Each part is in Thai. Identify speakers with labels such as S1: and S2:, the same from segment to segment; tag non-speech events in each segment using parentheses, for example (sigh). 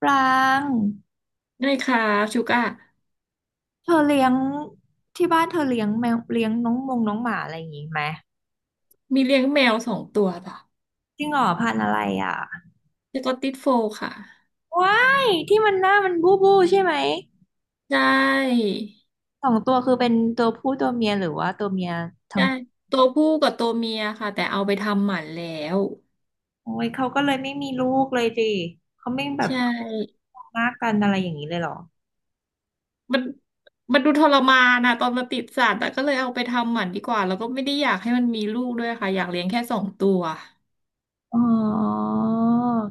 S1: ปราง
S2: ได้ค่ะชูก้า
S1: เธอเลี้ยงที่บ้านเธอเลี้ยงแมวเลี้ยงน้องมงน้องหมาอะไรอย่างงี้ไหม
S2: มีเลี้ยงแมวสองตัวจ้ะ
S1: จริงเหรอพันธุ์อะไรอ่ะ
S2: สกอตติชโฟลด์ค่ะ
S1: ว้ายที่มันหน้ามันบู้บู้ใช่ไหม
S2: ได้
S1: สองตัวคือเป็นตัวผู้ตัวเมียหรือว่าตัวเมียทั้ง
S2: ได้ตัวผู้กับตัวเมียค่ะแต่เอาไปทำหมันแล้ว
S1: โอ้ยเขาก็เลยไม่มีลูกเลยสิเขาไม่แบ
S2: ใช
S1: บ
S2: ่
S1: มากกันอะไรอย่างนี้เลยเหรอ
S2: มันมันดูทรมานนะตอนมาติดสัตว์แต่ก็เลยเอาไปทำหมันดีกว่าแล้วก็ไม่ได้อยากให้มันมีลูกด้วยค่ะอยากเลี้ยงแค่สองตัว
S1: อ๋อ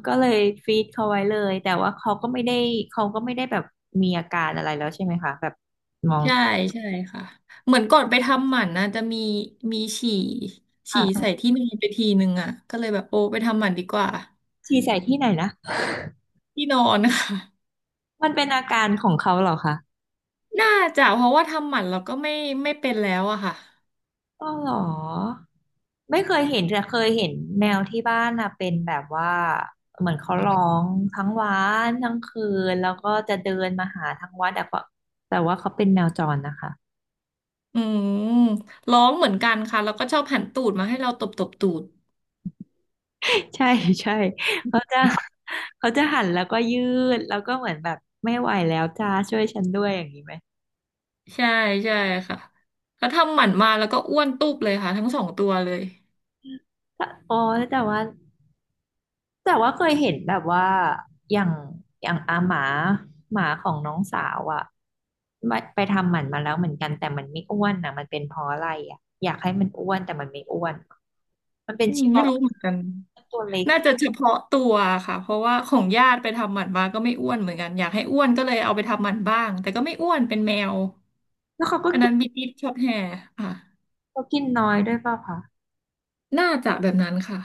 S1: ก็เลยฟีดเขาไว้เลยแต่ว่าเขาก็ไม่ได้เขาก็ไม่ได้แบบมีอาการอะไรแล้วใช่ไหมคะแบบมอง
S2: ใช่ใช่ค่ะเหมือนก่อนไปทำหมันนะจะมีฉี่
S1: ค่
S2: ฉี่
S1: ะ
S2: ใส่ที่นอนไปทีนึงอ่ะก็เลยแบบโอ้ไปทำหมันดีกว่า
S1: ฉี่ใส่ที่ไหนนะ
S2: ที่นอนค่ะ
S1: มันเป็นอาการของเขาเหรอคะ
S2: น่าจะเพราะว่าทำหมันเราก็ไม่เป็นแล้วอะค่ะ
S1: อ๋อเหรอไม่เคยเห็นแต่เคยเห็นแมวที่บ้านนะเป็นแบบว่าเหมือนเขาร้องทั้งวันทั้งคืนแล้วก็จะเดินมาหาทั้งวันแต่ว่าเขาเป็นแมวจรนะคะ
S2: อืมร้องเหมือนกันค่ะแล้วก็ชอบหันตูดมาให้เราตบตบตูด
S1: (laughs) ใช่ใช่เขาจะเขาจะหันแล้วก็ยืดแล้วก็เหมือนแบบไม่ไหวแล้วจ้าช่วยฉันด้วยอย่างนี้ไหม
S2: ใช่ใช่ค่ะเขาทำหมันมาแล้วก็อ้วนตุบเลยค่ะทั้งสองตัวเลย
S1: แต่อ๋อแต่ว่า แต่ว่าเคยเห็นแบบว่าอย่างอย่างอาหมาหมาของน้องสาวอ่ะไปทำหมันมาแล้วเหมือนกันแต่มันไม่อ้วนนะมันเป็นเพราะอะไรอ่ะอยากให้มันอ้วนแต่มันไม่อ้วนมันเป็น
S2: อืม
S1: ชิ
S2: ไม่
S1: บา
S2: รู้เหมือนกัน
S1: ตัวเล็ก
S2: น่าจะเฉพาะตัวค่ะเพราะว่าของญาติไปทำหมันมาก็ไม่อ้วนเหมือนกันอยากให้อ้วนก็เลยเอาไปทำหมันบ้างแต่ก็ไม่อ้วนเป็นแมว
S1: แล้วเขาก็
S2: อัน
S1: กิ
S2: นั้
S1: น
S2: นบิติชช็อตแฮร์ค่ะ
S1: เขากินน้อยด้วยเปล่าคะ
S2: น่าจะแบบนั้นค่ะ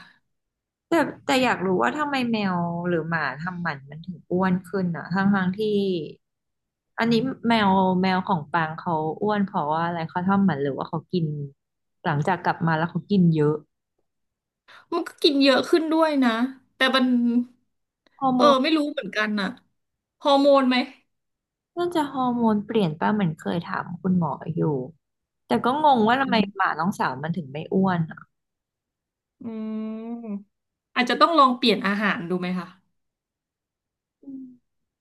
S1: แต่อยากรู้ว่าทำไมแมวหรือหมาทำหมันมันถึงอ้วนขึ้นอ่ะทั้งที่อันนี้แมวแมวของปางเขาอ้วนเพราะว่าอะไรเขาทำหมันหรือว่าเขากินหลังจากกลับมาแล้วเขากินเยอะ
S2: มันก็กินเยอะขึ้นด้วยนะแต่มัน
S1: ฮอร์
S2: เอ
S1: โม
S2: อไม่รู้เหมือนกันน่ะฮอร์โมนไหม
S1: น่าจะฮอร์โมนเปลี่ยนป่ะเหมือนเคยถามคุณหมออยู่แต่ก็งงว่าทำ
S2: อื
S1: ไมหมา
S2: ม
S1: น้องสาวมันถึงไม่อ้วนอ่ะ
S2: อืมอาจจะต้องลองเปลี่ยนอาหารดูไหมคะ
S1: อืม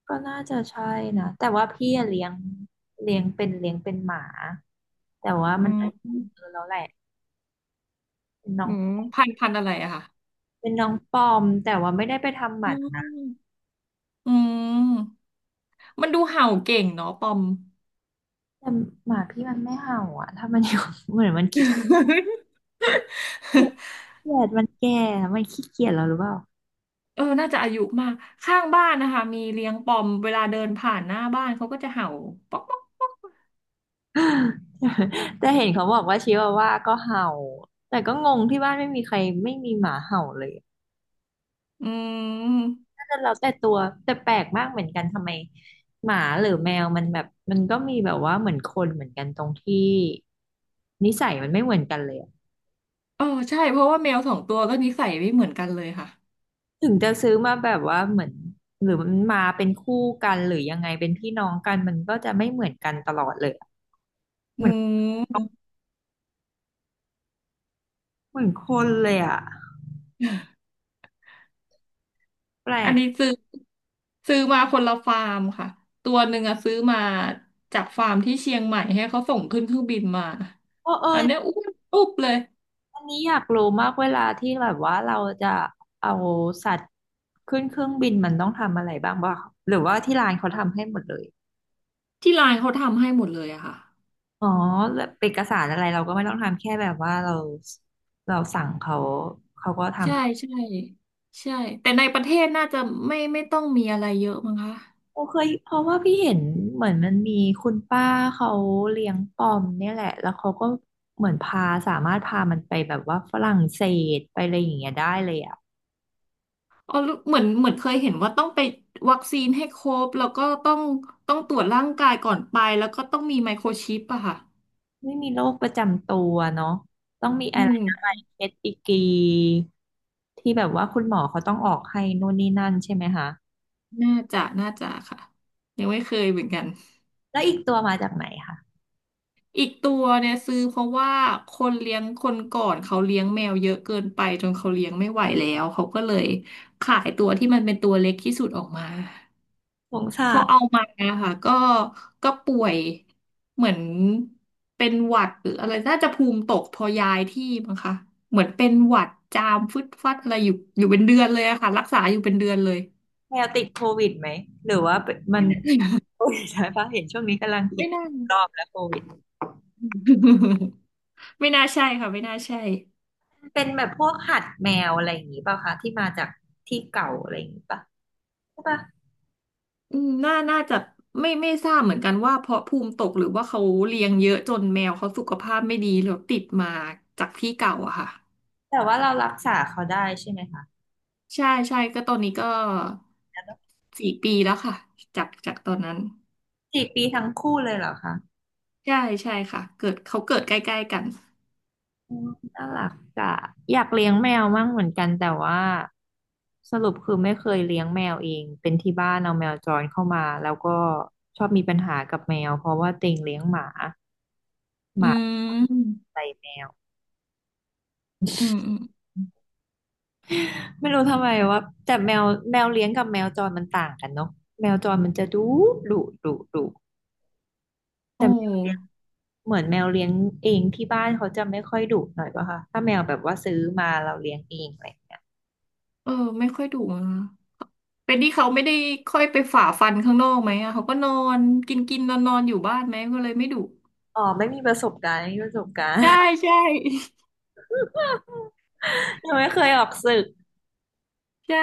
S1: ก็น่าจะใช่นะแต่ว่าพี่อะเลี้ยงเลี้ยงเป็นหมาแต่ว่า
S2: อื
S1: มันอาจจะเอ
S2: ม
S1: อะแล้วแหละเป็นน้อ
S2: อื
S1: ง
S2: มพันธุ์อะไรอะค่ะ
S1: เป็นน้องปอมแต่ว่าไม่ได้ไปทำหมั
S2: อื
S1: นนะ
S2: มอืมมันดูเห่าเก่งเนาะปอม
S1: แต่หมาพี่มันไม่เห่าอ่ะถ้ามันอยู่ (laughs) เหมือนมันขี้
S2: (laughs)
S1: เกียจมันแก่มันขี้เกียจแล้วหรือเปล่า
S2: เออน่าจะอายุมากข้างบ้านนะคะมีเลี้ยงปอมเวลาเดินผ่านหน้าบ้านเขาก็จะเห่าป๊อกป๊อก
S1: (laughs) แต่เห็นเขาบอกว่าชิวาว่าก็เห่าแต่ก็งงที่บ้านไม่มีใครไม่มีหมาเห่าเลย
S2: อืม
S1: น่าจะเราแต่ตัวแต่แปลกมากเหมือนกันทำไมหมาหรือแมวมันแบบมันก็มีแบบว่าเหมือนคนเหมือนกันตรงที่นิสัยมันไม่เหมือนกันเลยอะ
S2: เออใช่เพราะว่าแมวสองตัวก็นิสัยไม่เหมือนกันเลยค่ะ
S1: ถึงจะซื้อมาแบบว่าเหมือนหรือมันมาเป็นคู่กันหรือยังไงเป็นพี่น้องกันมันก็จะไม่เหมือนกันตลอดเลยอะ
S2: อื
S1: เหมือน
S2: ม
S1: เหมือนคนเลยอ่ะแปล
S2: อัน
S1: ก
S2: นี้ซื้อมาคนละฟาร์มค่ะตัวหนึ่งอะซื้อมาจากฟาร์มที่เชียงใหม่ให้เขาส่งขึ้นเครื่องบินมา
S1: เออเออ
S2: อันเนี้ยอ้วนอุ๊บเลย
S1: อันนี้อยากรู้มากเวลาที่แบบว่าเราจะเอาสัตว์ขึ้นเครื่องบินมันต้องทำอะไรบ้างหรือว่าที่ร้านเขาทำให้หมดเลย
S2: ที่ร้านเขาทำให้หมดเลยอะค่ะ
S1: อ๋อแล้วเอกสารอะไรเราก็ไม่ต้องทำแค่แบบว่าเราสั่งเขาเขาก็
S2: ใช่
S1: ทำ
S2: ใช่ใช่แต่ในประเทศน่าจะไม่ต้องมีอะไรเยอะมั้งคะ
S1: โอเคยเพราะว่าพี่เห็นเหมือนมันมีคุณป้าเขาเลี้ยงปอมเนี่ยแหละแล้วเขาก็เหมือนพาสามารถพามันไปแบบว่าฝรั่งเศสไปอะไรอย่างเงี้ยได้เลยอ่ะ
S2: อ๋อเหมือนเหมือนเคยเห็นว่าต้องไปวัคซีนให้ครบแล้วก็ต้องตรวจร่างกายก่อนไปแล้วก็ต้องมีไมโครชิปอะค่ะ
S1: ไม่มีโรคประจำตัวเนาะต้องมี
S2: อื
S1: อะไร
S2: ม
S1: อะไรเอสอีกีที่แบบว่าคุณหมอเขาต้องออกให้นู่นนี่นั่นใช่ไหมคะ
S2: น่าจะค่ะยังไม่เคยเหมือนกัน
S1: แล้วอีกตัวมาจากไหนคะ
S2: อีกตัวเนี่ยซื้อเพราะว่าคนเลี้ยงคนก่อนเขาเลี้ยงแมวเยอะเกินไปจนเขาเลี้ยงไม่ไหวแล้วเขาก็เลยขายตัวที่มันเป็นตัวเล็กที่สุดออกมา
S1: สงสา
S2: พอเอา
S1: ร
S2: มาค่ะก็ป่วยเหมือนเป็นหวัดหรืออะไรน่าจะภูมิตกพอย้ายที่มั้งคะเหมือนเป็นหวัดจามฟึดฟัดอะไรอยู่อยู่เป็นเดือนเลยอะค่ะรักษาอยู่เป็นเดือนเลย
S1: แมวติดโควิดไหมหรือว่าเป็นมัน (laughs) โควิดใช่ปะเห็นช่วงนี้กำลัง
S2: (laughs)
S1: คิ
S2: ไม่
S1: ด
S2: น่า
S1: รอบแล้วโควิด
S2: (laughs) ไม่น่าใช่ค่ะไม่น่าใช่
S1: เป็นแบบพวกหัดแมวอะไรอย่างงี้ป่ะคะที่มาจากที่เก่าอะไรอย่างงี้ป่ะใช่ป่ะ
S2: อืมน่าน่าจะไม่ทราบเหมือนกันว่าเพราะภูมิตกหรือว่าเขาเลี้ยงเยอะจนแมวเขาสุขภาพไม่ดีแล้วติดมาจากที่เก่าอะค่ะ
S1: แต่ว่าเรารักษาเขาได้ใช่ไหมคะ
S2: ใช่ใช่ก็ตอนนี้ก็สี่ปีแล้วค่ะจากตอนนั้น
S1: 4 ปีทั้งคู่เลยเหรอคะ
S2: ใช่ใช่ค่ะเกิดเขาเกิดใกล้ๆกัน
S1: อืมน่ารักอ่ะอยากเลี้ยงแมวมั่งเหมือนกันแต่ว่าสรุปคือไม่เคยเลี้ยงแมวเองเป็นที่บ้านเอาแมวจรเข้ามาแล้วก็ชอบมีปัญหากับแมวเพราะว่าเต็งเลี้ยงหมาห
S2: อื
S1: มา
S2: ม
S1: ใส่แมว
S2: อืมอืม
S1: ไม่รู้ทำไมว่าแต่แมวเลี้ยงกับแมวจรมันต่างกันเนาะแมวจรมันจะดุดุดุ
S2: โอ
S1: แต่แมวเลี้ยง
S2: ้
S1: เหมือนแมวเลี้ยงเองที่บ้านเขาจะไม่ค่อยดุหน่อยป่ะคะถ้าแมวแบบว่าซื้อมาเราเลี้ยงเองอะไรอย่างเงี้ย
S2: เออไม่ค่อยดุนะเป็นที่เขาไม่ได้ค่อยไปฝ่าฟันข้างนอกไหมอะเขาก็นอนกินกินนอนนอนๆอยู่บ้านไหมก็เลยไม่ดุ
S1: อ๋อไม่มีประสบการณ์ไม่มีประสบการณ์
S2: ใช่ใช่
S1: ยังไม่เคยออกศึก
S2: (laughs) ใช่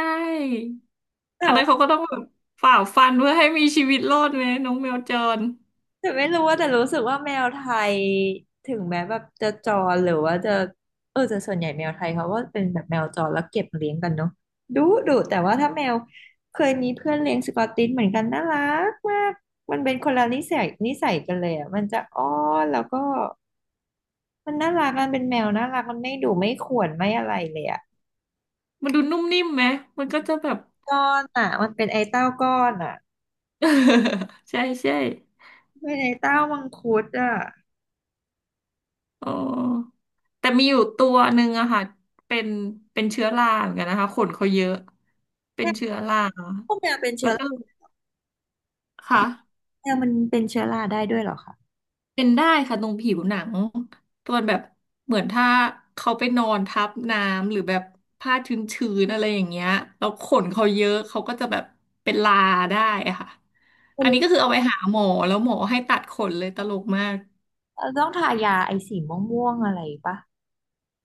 S1: แต่
S2: อันนั้น
S1: ว่า
S2: เขาก็ต้องแบบฝ่าฟันเพื่อให้มีชีวิตรอดไหมน้องแมวจร
S1: แต่ไม่รู้ว่าแต่รู้สึกว่าแมวไทยถึงแม้แบบจะจรหรือว่าจะแต่ส่วนใหญ่แมวไทยเขาก็เป็นแบบแมวจรแล้วเก็บเลี้ยงกันเนาะดุดุแต่ว่าถ้าแมวเคยมีเพื่อนเลี้ยงสกอตติชเหมือนกันน่ารักมากมันเป็นคนละนิสัยกันเลยอ่ะมันจะอ้อนแล้วก็มันน่ารักมันเป็นแมวน่ารักมันไม่ดุไม่ข่วนไม่อะไรเลยอ่ะ
S2: มันดูนุ่มนิ่มไหมมันก็จะแบบ
S1: ก้อนอ่ะมันเป็นไอ้เต้าก้อนอ่ะ
S2: (laughs) ใช่ใช่
S1: เป็นไอ้เต้ามังคุดอ่ะ
S2: อ๋อแต่มีอยู่ตัวหนึ่งอะค่ะเป็นเป็นเชื้อราเหมือนกันนะคะขนเขาเยอะเป็นเชื้อรา
S1: พวกแมวเป็น
S2: แล้
S1: เชื้อ
S2: วก็ค่ะ
S1: แมวมันเป็นเชื้อราได้ด้วยเหรอคะ
S2: เป็นได้ค่ะตรงผิวหนังตอนแบบเหมือนถ้าเขาไปนอนทับน้ำหรือแบบผ้าชื้นๆอะไรอย่างเงี้ยแล้วขนเขาเยอะเขาก็จะแบบเป็นลาได้อะค่ะ
S1: เป็
S2: อั
S1: น
S2: นนี้ก็คือเอาไปหาหมอแล้วหมอให้ตัดขนเลยตลกมาก
S1: ต้องทายาไอสีม่วงๆอะไรปะ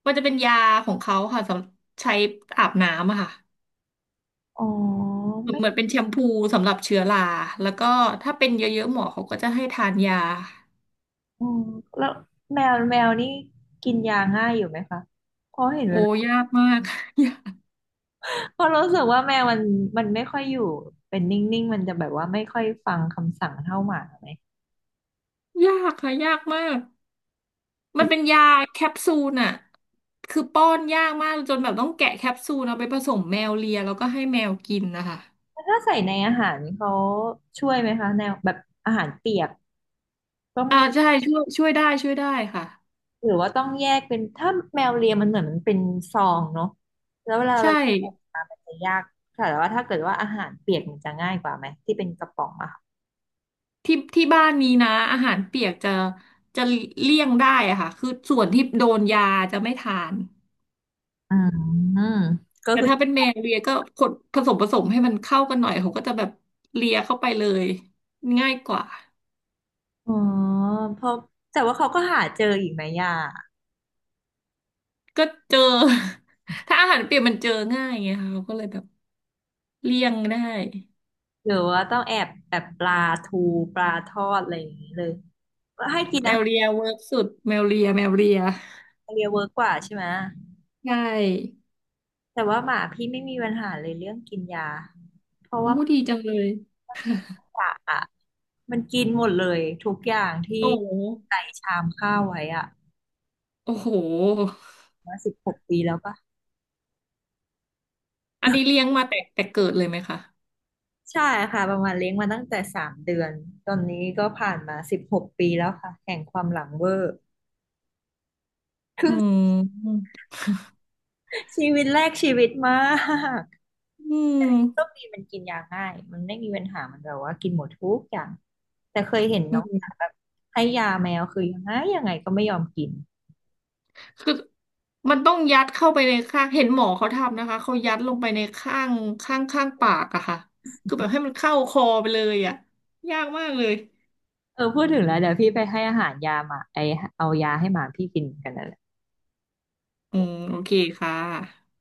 S2: มันจะเป็นยาของเขาค่ะสำหรับใช้อาบน้ำอะค่ะ
S1: อ๋อ
S2: เหมือน
S1: ไม่
S2: เหมือนเป็นแชมพูสำหรับเชื้อราแล้วก็ถ้าเป็นเยอะๆหมอเขาก็จะให้ทานยา
S1: ออแล้วแมวนี่กินยาง่ายอยู่ไหมคะเพราะเห็น
S2: โอ้
S1: เวลา
S2: ยากมาก (laughs) ยาก
S1: (laughs) เพราะรู้สึกว่าแมวมันไม่ค่อยอยู่เป็นนิ่งๆมันจะแบบว่าไม่ค่อยฟังคำสั่งเท่าหมาไหม
S2: ยากค่ะยากมาก
S1: มั
S2: มัน
S1: น
S2: เป็นยาแคปซูลอะคือป้อนยากมากจนแบบต้องแกะแคปซูลเอาไปผสมแมวเลียแล้วก็ให้แมวกินนะคะ
S1: ถ้าใส่ในอาหารเขาช่วยไหมคะแนวแบบอาหารเปียกก็
S2: อ่า
S1: ไม่
S2: ใช่ช่วยช่วยได้ช่วยได้ค่ะ
S1: หรือว่าต้องแยกเป็นถ้าแมวเลียมันเหมือนมันเป็นซองเนาะแล้วเวลาเรา
S2: ใช่
S1: ปลูกมามันจะยากค่ะแต่ว่าถ้าเกิดว่าอาหารเปียกมันจะง่ายกว่าไหมที่เป็นกระป๋องอะค่ะ
S2: ที่ที่บ้านนี้นะอาหารเปียกจะเลี่ยงได้อะค่ะคือส่วนที่โดนยาจะไม่ทาน
S1: อืมก็
S2: แต่
S1: คือ
S2: ถ้าเป็นแมวเลียก็กดผสมให้มันเข้ากันหน่อยเขาก็จะแบบเลียเข้าไปเลยง่ายกว่า
S1: อ๋อเพราะแต่ว่าเขาก็หาเจออีกไหมย่า
S2: ก็เจอ (laughs) ถ้าอาหารเปียกมันเจอง่ายไงค่ะเขาก็เลยแบบเลี่ยงได้
S1: หรือว่าต้องแอบแบบปลาทูปลาทอดอะไรอย่างนี้เลยให้กิน
S2: แม
S1: อา
S2: ว
S1: หา
S2: เลี
S1: ร
S2: ยเวิร์กสุดแมวเลียแมวเลีย
S1: ทะเลเวิร์กกว่าใช่ไหม
S2: ใช่
S1: แต่ว่าหมาพี่ไม่มีปัญหาเลยเรื่องกินยาเพราะ
S2: โอ้
S1: ว่า
S2: ดีจังเลย
S1: กะอ่ะมันกินหมดเลยทุกอย่างที่
S2: โอ้โห
S1: ใส่ชามข้าวไว้อ่ะ
S2: โอ้โห
S1: มาสิบหกปีแล้วปะ
S2: อันนี้เลี้ยงมาแต่เกิดเลยไหมคะ
S1: ใช่ค่ะประมาณเลี้ยงมาตั้งแต่3 เดือนตอนนี้ก็ผ่านมาสิบหกปีแล้วค่ะแห่งความหลังเวอร์
S2: อืมอ
S1: ชีวิตแรกชีวิตมาก
S2: ืม
S1: โชคดีมันกินยาง่ายมันไม่มีปัญหามันแบบว่ากินหมดทุกอย่างแต่เคยเห็น
S2: อื
S1: น้องสาว
S2: ม
S1: แบบให้ยาแมวคือยังไงก็ไม่ยอมกิน
S2: คือมันต้องยัดเข้าไปในข้างเห็นหมอเขาทำนะคะเขายัดลงไปในข้างข้างข้างปากอะค่ะคือแบบให้มันเข้าคอไปเลยอะยากมากเลย
S1: เออพูดถึงแล้วเดี๋ยวพี่ไปให้อาหารยาหมาไอเอายาให้หมาพี่กินกันนั่นแหละ
S2: อืมโอเคค่ะ